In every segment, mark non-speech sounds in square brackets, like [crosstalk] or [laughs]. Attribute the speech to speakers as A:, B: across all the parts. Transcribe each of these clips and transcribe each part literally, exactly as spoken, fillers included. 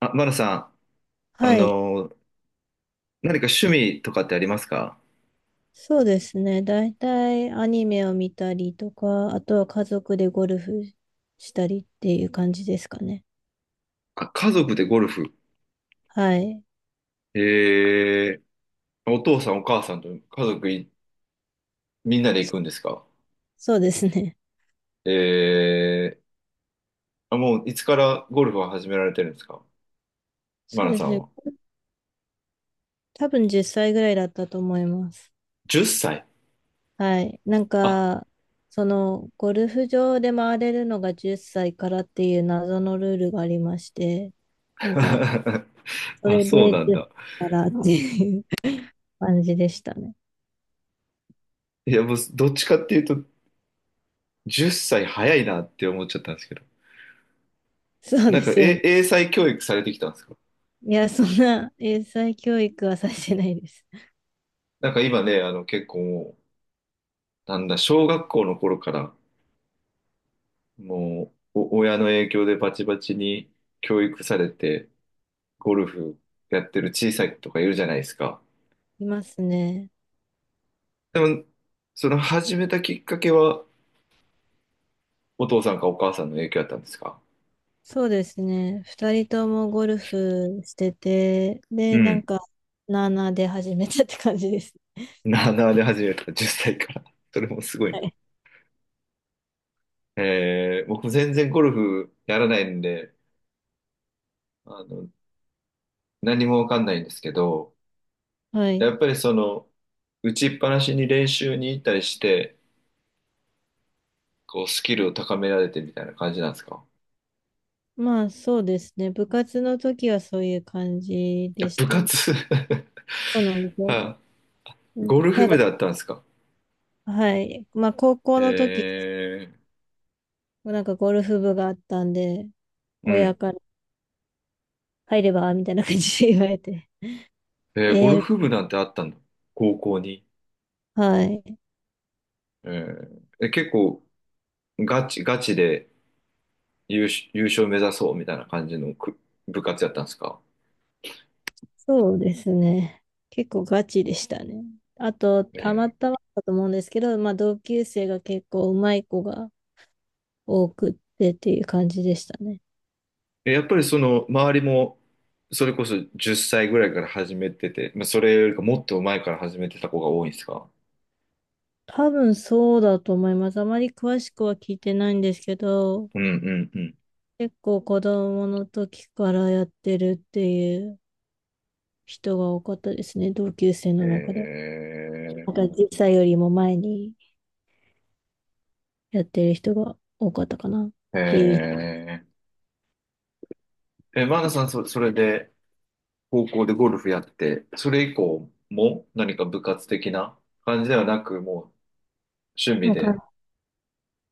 A: あ、マナさん、あ
B: はい。
A: のー何か趣味とかってありますか？
B: そうですね。だいたいアニメを見たりとか、あとは家族でゴルフしたりっていう感じですかね。
A: あ、家族でゴルフ。
B: はい。
A: えー、お父さんお母さんと家族いみんなで行くんですか？
B: そうですね。[laughs]
A: えー、あ、もういつからゴルフは始められてるんですか？マ
B: そう
A: ナ
B: で
A: さ
B: す
A: ん
B: ね。
A: は。
B: 多分じゅっさいぐらいだったと思います。
A: じゅっさい。
B: はい。なん
A: あ、
B: か、その、ゴルフ場で回れるのがじゅっさいからっていう謎のルールがありまして、なんか、
A: [laughs]
B: そ
A: あ、
B: れ
A: そう
B: で
A: なん
B: 10
A: だ。
B: 歳からっていう [laughs] 感じでしたね。
A: いや、もうどっちかっていうと、じゅっさい早いなって思っちゃったんですけど。
B: そう
A: な
B: で
A: んか、
B: すよね。
A: え、英才教育されてきたんですか？
B: いや、そんな英才教育はさせてないです。
A: なんか今ね、あの結構もう、なんだ、小学校の頃から、もう、お親の影響でバチバチに教育されて、ゴルフやってる小さい子とかいるじゃないですか。
B: いますね。
A: でも、その始めたきっかけは、お父さんかお母さんの影響だったんですか？
B: そうですね。ふたりともゴルフしてて、
A: う
B: で、なん
A: ん。
B: か、なあなあで始めたって感じですね。
A: なあなあで始めた、じゅっさいから。それもすごい
B: は
A: な。
B: い。
A: えー、僕全然ゴルフやらないんで、あの、何もわかんないんですけど、
B: は
A: や
B: い。
A: っぱりその、打ちっぱなしに練習に行ったりして、こう、スキルを高められてみたいな感じなんですか？
B: まあ、そうですね。部活の時はそういう感じ
A: いや、
B: でし
A: 部
B: たね。
A: 活 [laughs]
B: そうなんですよ。
A: は
B: う
A: い。
B: ん。
A: ゴルフ
B: ただ、
A: 部だったんですか？
B: はい。まあ、高
A: え
B: 校の時、
A: ー、
B: なんかゴルフ部があったんで、
A: う
B: 親
A: ん。
B: から入ればみたいな感じで言われて、
A: えー、ゴ
B: え
A: ル
B: え。
A: フ部なんてあったんだ。高校に。
B: はい。
A: えー、え、結構、ガチ、ガチで優勝、優勝目指そうみたいな感じのく部活やったんですか？
B: そうですね。結構ガチでしたね。あと、
A: え
B: たま
A: ー、
B: たまだと思うんですけど、まあ、同級生が結構うまい子が多くってっていう感じでしたね。
A: えやっぱりその、周りも、それこそじっさいぐらいから始めてて、まあ、それよりかもっと前から始めてた子が多いんですか？
B: 多分そうだと思います。あまり詳しくは聞いてないんですけど、
A: うんうんうん。
B: 結構子供の時からやってるっていう人が多かったですね。同級生の中では。なん
A: え
B: か実際よりも前にやってる人が多かったかなっ
A: ー、
B: ていう。
A: えー、え、マーナさん、そ、それで、高校でゴルフやって、それ以降も何か部活的な感じではなく、もう趣味
B: もうか
A: で。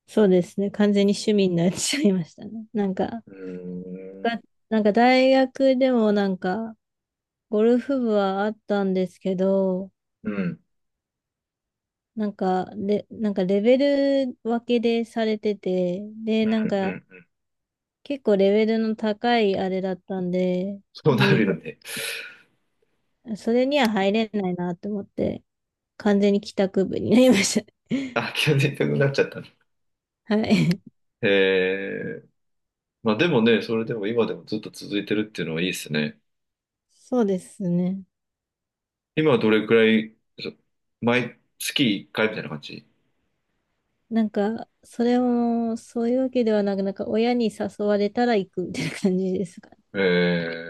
B: そうですね。完全に趣味になっちゃいましたね。なんか、
A: うーん、
B: が、なんか大学でもなんか、ゴルフ部はあったんですけど、
A: うん、うん、
B: なんか、で、なんかレベル分けでされてて、で、なん
A: う
B: か
A: ん。
B: 結構レベルの高いあれだったんで、
A: そうな
B: リ
A: るよ
B: ー
A: ね。
B: グ、それには入れないなと思って、完全に帰宅部になりました。
A: あ、急に痛くなっちゃったね。
B: [laughs] はい。
A: えー、まあでもね、それでも今でもずっと続いてるっていうのはいいですね。
B: そうですね。
A: 今はどれくらい、そ毎月いっかいみたいな感じ？
B: なんか、それも、そういうわけではなく、なんか親に誘われたら行くみたいな感じですかね。
A: え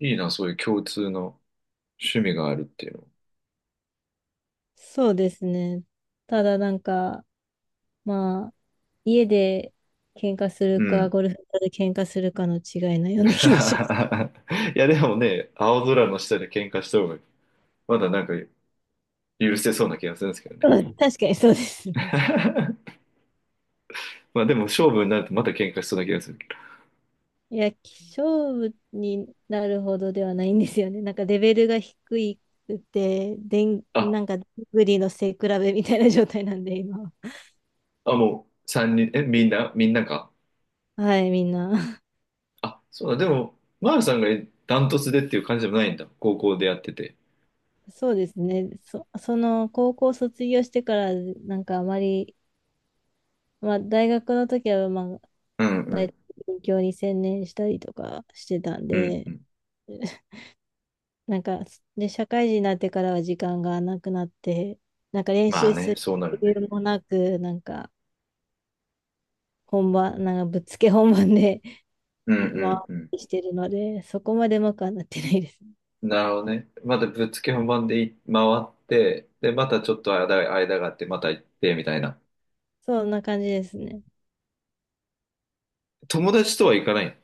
A: ー、いいな、そういう共通の趣味があるっていうの。
B: そうですね。ただなんか、まあ、家で喧嘩す
A: う
B: るか、
A: ん。
B: ゴルフ場で喧嘩するかの違いのような気もします。
A: [laughs] いや、でもね、青空の下で喧嘩した方がまだなんか許せそうな気がするんですけどね。
B: [laughs] 確かにそうですね。
A: [laughs] まあでも勝負になるとまた喧嘩しそうな気がするけど。
B: いや、勝負になるほどではないんですよね。なんかレベルが低いくて、でん、
A: あ、
B: なんか、グリの背比べみたいな状態なんで、今は。
A: あ、もうさんにん、え、みんな、みんなか。
B: はい、みんな。
A: あ、そうだ、でも、マールさんがダントツでっていう感じでもないんだ。高校でやってて。
B: そうですね。そ、その、高校卒業してから、なんかあまり、まあ、大学の時は、まあ、
A: うんう
B: 大
A: ん。
B: 勉強に専念したりとかしてたん
A: うんう
B: で、
A: ん。
B: なんか、で、社会人になってからは時間がなくなって、なんか練
A: まあ
B: 習す
A: ね、
B: る
A: そうなる
B: 余
A: ね。
B: 裕もなく、なんか本番、なんかぶっつけ本番で
A: うん
B: [laughs] 回っ
A: うんう
B: てしてるので、そこまでうまくはなってないです。
A: ん。なるほどね。またぶっつけ本番でい回って、で、またちょっと間が、間があって、また行って、みたいな。
B: そんな感じですね。
A: 友達とは行かない？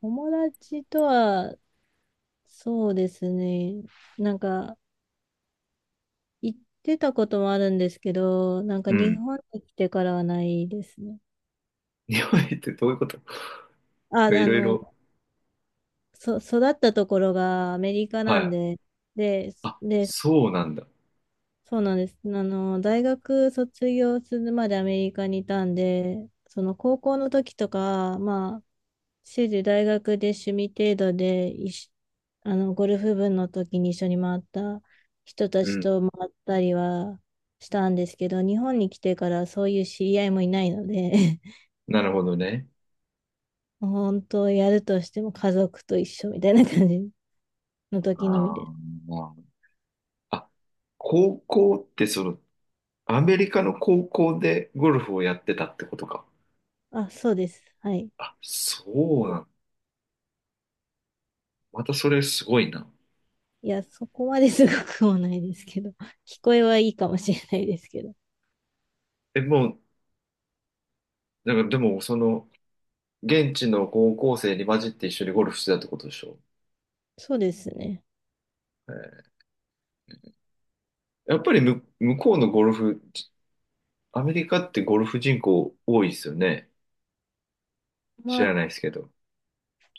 B: 友達とは、そうですね。なんか、行ってたこともあるんですけど、なんか
A: う
B: 日
A: ん。
B: 本に来てからはないですね。
A: [laughs] 日本行ってどういうこと？
B: あ、
A: [laughs] い
B: あ
A: ろい
B: の、
A: ろ。
B: そ、育ったところがアメリカ
A: は
B: なん
A: い。
B: で、で、
A: あ、
B: で、
A: そうなんだ。
B: そうなんです。あの、大学卒業するまでアメリカにいたんで、その高校の時とか、まあ、主時大学で趣味程度で一緒、あの、ゴルフ部の時に一緒に回った人た
A: う
B: ちと
A: ん。
B: 回ったりはしたんですけど、日本に来てからそういう知り合いもいないので、
A: なるほどね。
B: [laughs] 本当やるとしても家族と一緒みたいな感じの時のみ
A: あ
B: です。
A: ーあ、高校ってその、アメリカの高校でゴルフをやってたってことか。
B: あ、そうです。はい。
A: あ、そうなんだ。またそれすごいな。
B: いや、そこまですごくもないですけど、[laughs] 聞こえはいいかもしれないですけど。
A: え、もう、なんかでも、その、現地の高校生に混じって一緒にゴルフしてたってことでしょ？
B: そうですね。
A: えーやっぱりむ、向こうのゴルフ、アメリカってゴルフ人口多いですよね。知
B: まあ、
A: らないですけど。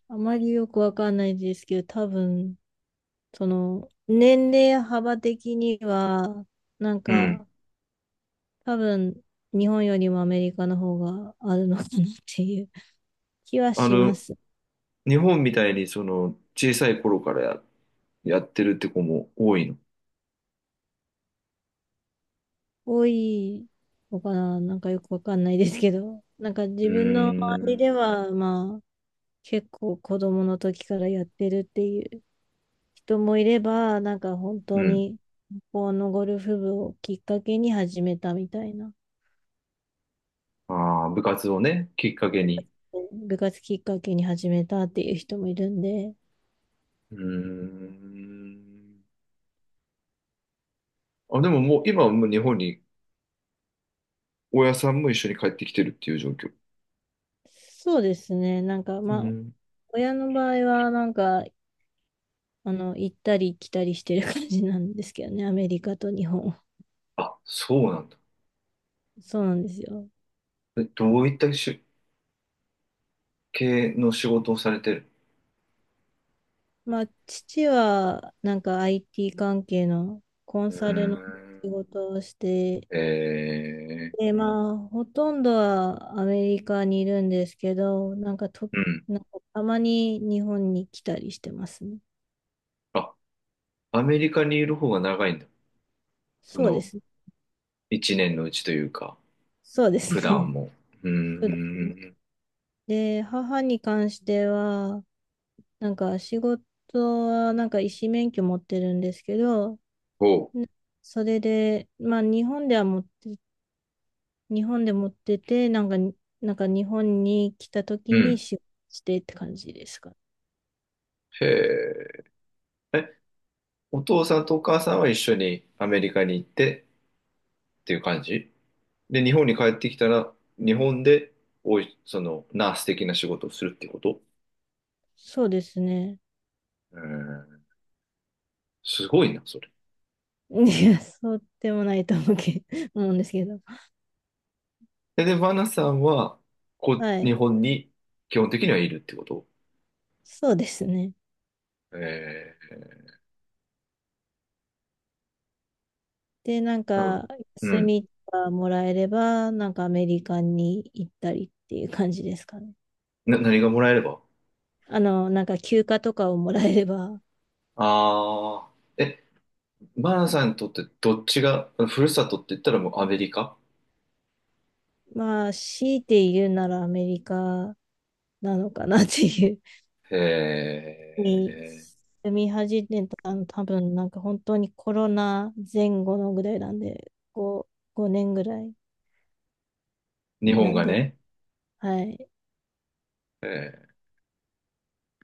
B: あまりよくわかんないですけど、多分、その、年齢幅的には、なん
A: うん。
B: か、多分、日本よりもアメリカの方があるのかなっていう気は
A: あ
B: しま
A: の、
B: す。
A: 日本みたいにその、小さい頃からやってるって子も多いの？
B: 多いのかな。なんかよくわかんないですけど、なんか
A: うー
B: 自分の周り
A: ん。
B: では、まあ、結構子供の時からやってるっていう人もいれば、なんか本当
A: うん。
B: に、このゴルフ部をきっかけに始めたみたいな、
A: ああ、部活をね、きっかけに。
B: 部活きっかけに始めたっていう人もいるんで、
A: うーん。あ、でももう今はもう日本に親さんも一緒に帰ってきてるっていう状況？
B: そうですね、なんか
A: う
B: まあ、
A: ん。
B: 親の場合は、なんか、あの、行ったり来たりしてる感じなんですけどね、アメリカと日本。
A: あ、そうなんだ。
B: そうなんですよ。
A: え、どういったし系の仕事をされてる？
B: まあ、父は、なんか アイティー 関係のコン
A: うー
B: サルの
A: ん。
B: 仕事をして
A: えー、
B: で、まあ、ほとんどはアメリカにいるんですけど、なんかと、
A: うん。
B: なんかたまに日本に来たりしてますね。
A: あ、アメリカにいる方が長いんだ。そ
B: そうで
A: の、
B: すね。
A: いちねんのうちというか、
B: [laughs] そうで
A: 普
B: す
A: 段
B: ね。
A: も。う
B: [laughs] 普段。
A: ーん。
B: で、母に関しては、なんか仕事はなんか医師免許持ってるんですけど、
A: おう。
B: なそれで、まあ日本では持って、日本で持ってて、なんか、なんか日本に来た
A: う
B: 時に
A: ん。
B: 仕事してって感じですかね。
A: へえ。お父さんとお母さんは一緒にアメリカに行ってっていう感じで、日本に帰ってきたら、日本で、おい、その、ナース的な仕事をするってこと？
B: そうですね。
A: うん、すごいな、それ。
B: いや、そうでもないと思うけ、思うんですけど。
A: で、で、バナさんは、こ
B: は
A: う、日
B: い。
A: 本に基本的にはいるってこと？
B: そうですね。
A: え
B: で、なん
A: ー、なんか、
B: か、
A: う
B: 休
A: ん。
B: みがもらえれば、なんかアメリカに行ったりっていう感じですかね。
A: な、何がもらえれば？
B: あの、なんか休暇とかをもらえれば、
A: ああー、え、バナさんにとってどっちが、ふるさとって言ったらもうアメリカ？
B: まあ、強いて言うならアメリカなのかなっていう
A: へ
B: に、
A: え、
B: 住み始めたの多分、なんか本当にコロナ前後のぐらいなんで、こう、ごねんぐらい
A: 日本
B: なん
A: が
B: で、
A: ね。
B: はい。
A: へ